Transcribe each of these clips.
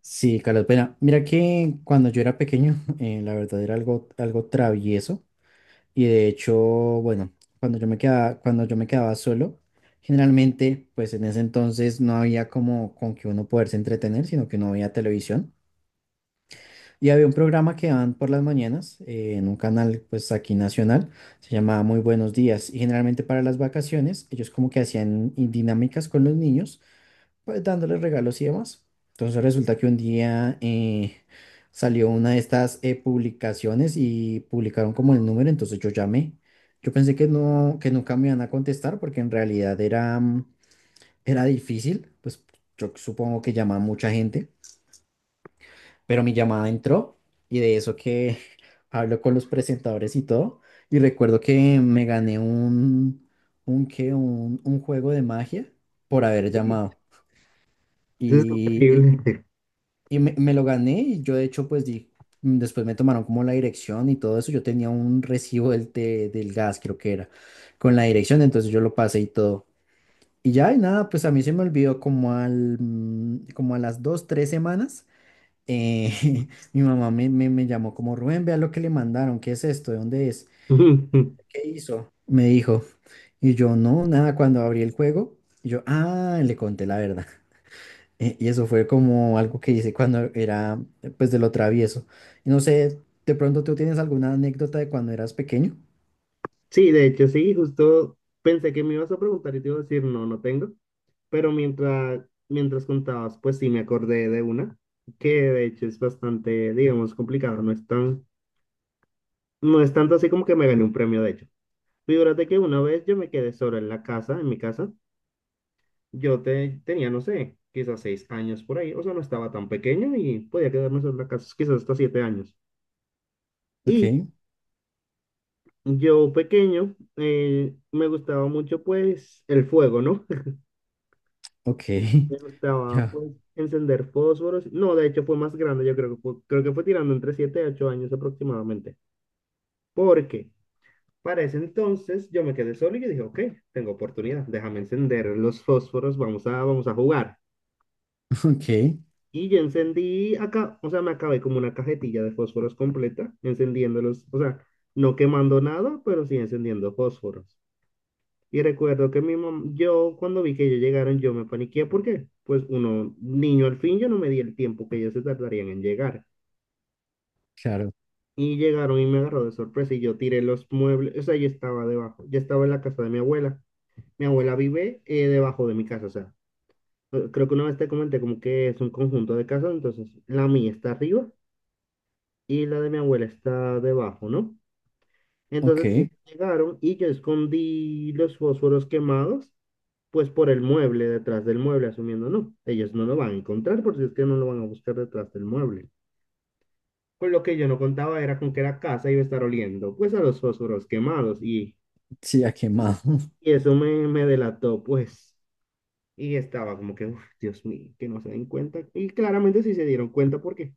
Sí, Carlos, pena. Mira que cuando yo era pequeño, la verdad era algo travieso. Y de hecho, bueno, cuando yo me quedaba solo, generalmente, pues en ese entonces no había como con que uno poderse entretener, sino que no había televisión. Y había un programa que daban por las mañanas, en un canal, pues aquí nacional, se llamaba Muy Buenos Días. Y generalmente para las vacaciones, ellos como que hacían dinámicas con los niños, pues dándole regalos y demás. Entonces resulta que un día salió una de estas publicaciones y publicaron como el número, entonces yo llamé. Yo pensé que no, que nunca me iban a contestar porque en realidad era era difícil, pues yo supongo que llamaba mucha gente, pero mi llamada entró y de eso que hablo con los presentadores y todo. Y recuerdo que me gané un juego de magia por haber Sí, llamado. eso es Y, increíble. y me lo gané y yo de hecho pues di, mm, después me tomaron como la dirección y todo eso. Yo tenía un recibo del del gas, creo que era, con la dirección, entonces yo lo pasé y todo. Y ya, y nada, pues a mí se me olvidó como al, mm, como a las dos, tres semanas. eh, mi mamá me llamó como, Rubén, vea lo que le mandaron, ¿qué es esto? ¿De dónde es? ¿Qué hizo? Me dijo. Y yo, no, nada, cuando abrí el juego, yo, ah, le conté la verdad. Y eso fue como algo que hice cuando era, pues, de lo travieso. Y no sé, de pronto tú tienes alguna anécdota de cuando eras pequeño. Sí, de hecho, sí, justo pensé que me ibas a preguntar y te iba a decir, no, no tengo, pero mientras contabas, pues sí me acordé de una, que de hecho es bastante, digamos, complicada, no es tan, no es tanto así como que me gané un premio, de hecho. Figúrate que una vez yo me quedé solo en la casa, en mi casa, tenía, no sé, quizás 6 años por ahí, o sea, no estaba tan pequeño y podía quedarme solo en la casa, quizás hasta 7 años. Ok, Yo pequeño me gustaba mucho pues el fuego, ¿no? ok, Me gustaba ya, pues encender fósforos. No, de hecho fue más grande, yo creo que fue tirando entre 7 a 8 años aproximadamente. Porque para ese entonces yo me quedé solo y yo dije, ok, tengo oportunidad, déjame encender los fósforos, vamos a jugar. ok, Y yo encendí acá, o sea, me acabé como una cajetilla de fósforos completa, encendiéndolos, o sea, no quemando nada, pero sí encendiendo fósforos. Y recuerdo que yo cuando vi que ellos llegaron, yo me paniqué porque, pues uno, niño al fin, yo no me di el tiempo que ellos se tardarían en llegar. claro, Y llegaron y me agarró de sorpresa y yo tiré los muebles, o sea, yo estaba debajo, yo estaba en la casa de mi abuela. Mi abuela vive debajo de mi casa, o sea, creo que una vez te comenté como que es un conjunto de casas, entonces la mía está arriba y la de mi abuela está debajo, ¿no? Entonces ok, ellos llegaron y yo escondí los fósforos quemados pues por el mueble, detrás del mueble, asumiendo, no, ellos no lo van a encontrar porque es que no lo van a buscar detrás del mueble. Con lo que yo no contaba era con que la casa iba a estar oliendo, pues a los fósforos quemados y, sí, ha quemado, me delató, pues. Y estaba como que, "Uf, Dios mío, que no se den cuenta." Y claramente sí se dieron cuenta porque,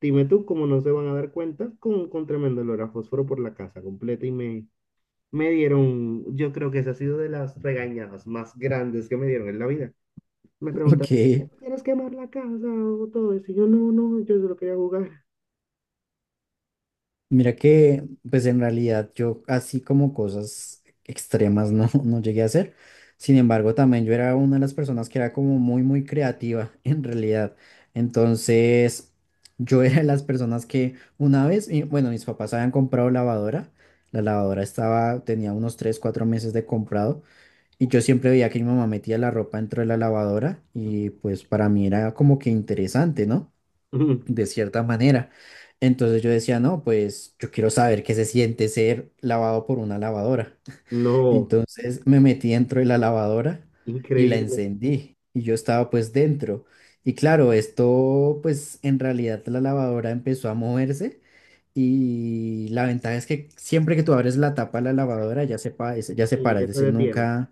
dime tú, cómo no se van a dar cuenta con tremendo olor a fósforo por la casa completa y me dieron, yo creo que esa ha sido de las regañadas más grandes que me dieron en la vida. Me ok. preguntaron quieres quemar la casa o todo eso. Y yo no, no, yo solo quería jugar. Mira que, pues en realidad yo así como cosas extremas no, no llegué a hacer. Sin embargo, también yo era una de las personas que era como muy creativa en realidad. Entonces, yo era de las personas que una vez, y bueno, mis papás habían comprado lavadora. La lavadora estaba, tenía unos 3 4 meses de comprado. Y yo siempre veía que mi mamá metía la ropa dentro de la lavadora. Y pues para mí era como que interesante, ¿no? De cierta manera. Entonces yo decía, no, pues yo quiero saber qué se siente ser lavado por una lavadora. No, Entonces me metí dentro de la lavadora y la increíble. encendí y yo estaba pues dentro. Y claro, esto pues en realidad la lavadora empezó a moverse y la ventaja es que siempre que tú abres la tapa de la lavadora ya se Sí, para, es ya se decir, detiene. nunca.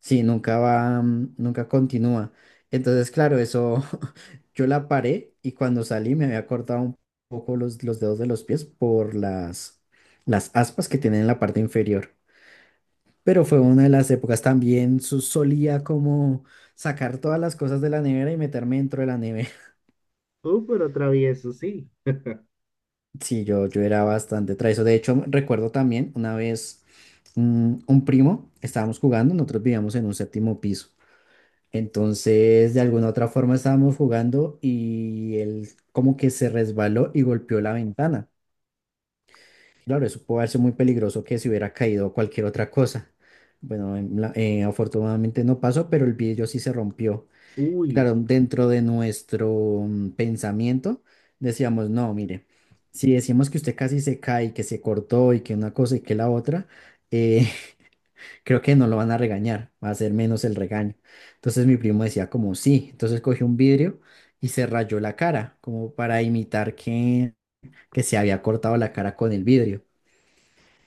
Sí, nunca va, nunca continúa. Entonces, claro, eso yo la paré y cuando salí me había cortado un poco los dedos de los pies por las aspas que tienen en la parte inferior. Pero fue una de las épocas también, solía como sacar todas las cosas de la nevera y meterme dentro de la nevera. Pero travieso, sí. Sí, yo era bastante travieso. De hecho, recuerdo también una vez un primo, estábamos jugando, nosotros vivíamos en un séptimo piso. Entonces, de alguna u otra forma estábamos jugando y él como que se resbaló y golpeó la ventana. Claro, eso puede ser muy peligroso que se hubiera caído cualquier otra cosa. Bueno, afortunadamente no pasó, pero el vidrio sí se rompió. Uy, Claro, dentro de nuestro pensamiento decíamos, no, mire, si decimos que usted casi se cae, que se cortó y que una cosa y que la otra, eh, creo que no lo van a regañar, va a ser menos el regaño. Entonces mi primo decía como sí, entonces cogió un vidrio y se rayó la cara, como para imitar que se había cortado la cara con el vidrio.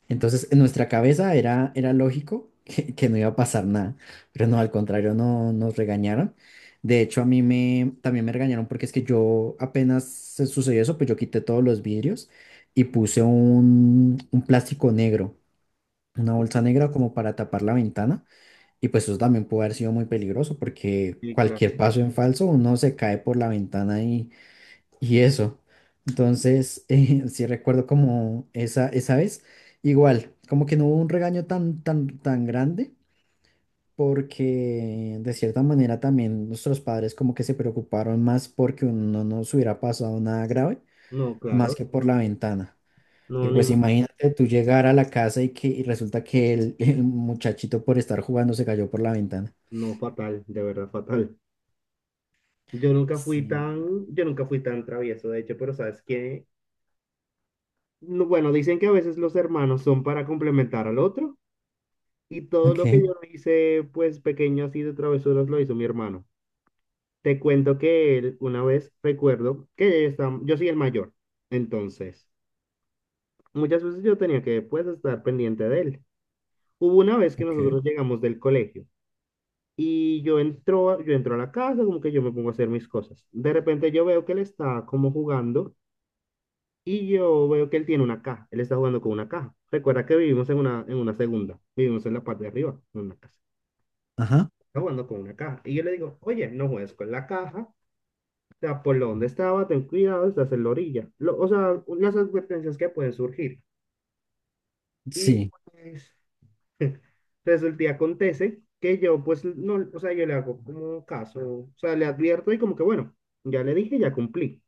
Entonces en nuestra cabeza era lógico que no iba a pasar nada, pero no, al contrario, no nos regañaron. De hecho, a mí también me regañaron porque es que yo apenas se sucedió eso, pues yo quité todos los vidrios y puse un plástico negro, una bolsa negra como para tapar la ventana y pues eso también puede haber sido muy peligroso porque sí, claro. cualquier paso en falso uno se cae por la ventana y eso. Entonces, sí recuerdo como esa vez, igual, como que no hubo un regaño tan grande porque de cierta manera también nuestros padres como que se preocuparon más porque no nos hubiera pasado nada grave No, más claro. que No, por la ventana. no, Porque ni pues mo- imagínate tú llegar a la casa y que y resulta que el muchachito por estar jugando se cayó por la ventana. no, fatal, de verdad, fatal. Sí, Yo nunca fui tan travieso, de hecho, pero ¿sabes qué? No, bueno, dicen que a veces los hermanos son para complementar al otro y todo lo que ok, yo no hice, pues pequeño así de travesuras, lo hizo mi hermano. Te cuento que él, una vez recuerdo que está- yo soy el mayor, entonces muchas veces yo tenía que pues estar pendiente de él. Hubo una vez que ok. nosotros llegamos del colegio y yo entro a la casa, como que yo me pongo a hacer mis cosas. De repente yo veo que él está como jugando y yo veo que él tiene una caja, él está jugando con una caja. Recuerda que vivimos en una segunda, vivimos en la parte de arriba, en una casa. Ajá. Está jugando con una caja. Y yo le digo, oye, no juegues con la caja. Sea, por donde estaba, ten cuidado, estás en la orilla. O sea, las advertencias que pueden surgir. Y Sí. pues resulta y acontece que yo pues no, o sea, yo le hago como caso, o sea, le advierto y como que bueno, ya le dije, ya cumplí.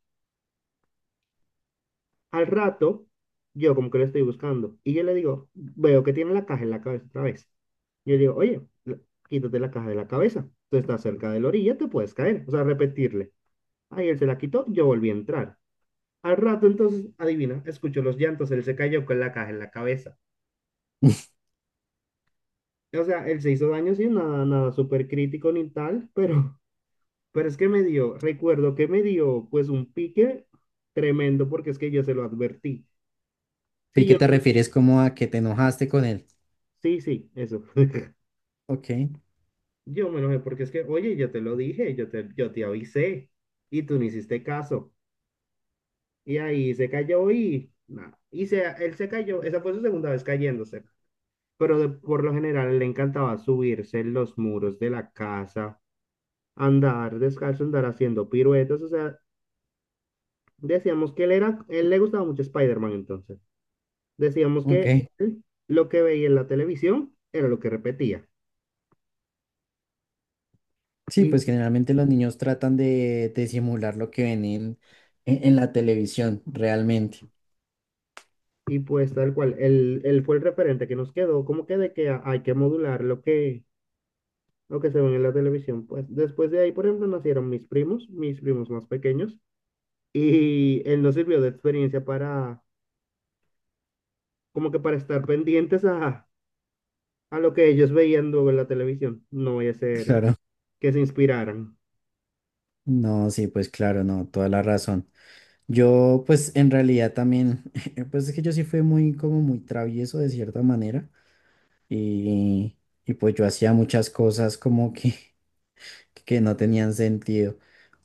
Al rato, yo como que le estoy buscando y yo le digo, veo que tiene la caja en la cabeza otra vez. Yo le digo, quítate la caja de la cabeza, tú estás cerca de la orilla, te puedes caer, o sea, repetirle. Ahí él se la quitó, yo volví a entrar. Al rato, entonces, adivina, escuchó los llantos, él se cayó con la caja en la cabeza. O sea, él se hizo daño, sí, nada, nada súper crítico ni tal, pero es que me dio, recuerdo que me dio, pues, un pique tremendo, porque es que yo se lo advertí. Vi Sí, que yo, te refieres como a que te enojaste con él. sí, sí, eso. Ok, Yo me enojé, porque es que, oye, yo te lo dije, yo te avisé, y tú no hiciste caso. Y ahí se cayó y, nada, él se cayó, esa fue su segunda vez cayéndose. Pero por lo general le encantaba subirse en los muros de la casa, andar descalzo, andar haciendo piruetas, o sea, decíamos que él era, él le gustaba mucho Spider-Man entonces. Decíamos ok. que él lo que veía en la televisión era lo que repetía. Sí, Y, pues generalmente los niños tratan de simular lo que ven en la televisión, realmente. y pues tal cual, él fue el referente que nos quedó, como que de que hay que modular lo que se ve en la televisión. Pues después de ahí, por ejemplo, nacieron mis primos más pequeños, y él nos sirvió de experiencia para como que para estar pendientes a lo que ellos veían luego en la televisión. No voy a ser Claro. que se inspiraran. No, sí, pues claro, no, toda la razón. Yo, pues en realidad también, pues es que yo sí fui muy, como muy travieso de cierta manera y, y pues yo hacía muchas cosas como que no tenían sentido.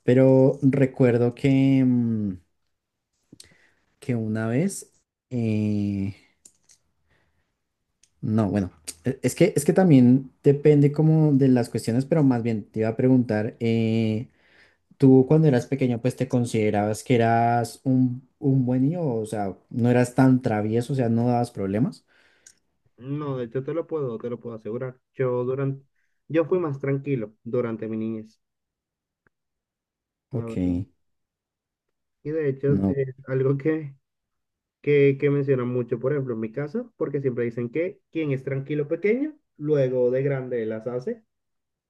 Pero recuerdo que, mm, que una vez, eh, no, bueno, es que también depende como de las cuestiones, pero más bien te iba a preguntar, tú cuando eras pequeño, pues te considerabas que eras un buen niño, o sea, no eras tan travieso, o sea, no dabas problemas. No, de hecho te lo puedo asegurar. Yo fui más tranquilo durante mi niñez, la Ok, verdad. Y de hecho no, es algo que mencionan mucho, por ejemplo, en mi casa, porque siempre dicen que quien es tranquilo pequeño, luego de grande las hace.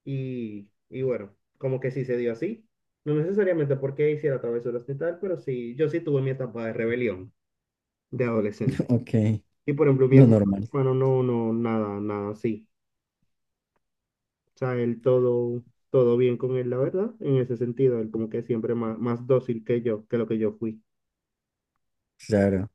Y bueno, como que sí se dio así. No necesariamente porque hiciera travesuras ni tal, pero sí, yo sí tuve mi etapa de rebelión de adolescente. ok, Y por ejemplo, lo mi normal, hermano no, no, nada, nada así. O sea, él todo, todo bien con él, la verdad, en ese sentido, él como que siempre más, más dócil que yo, que lo que yo fui. claro.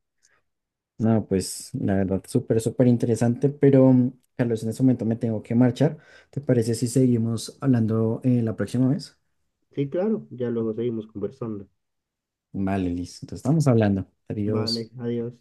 No, pues la verdad, súper interesante, pero Carlos, en este momento me tengo que marchar. ¿Te parece si seguimos hablando la próxima vez? Sí, claro, ya luego seguimos conversando. Vale, listo. Entonces estamos hablando. Vale, Adiós. adiós.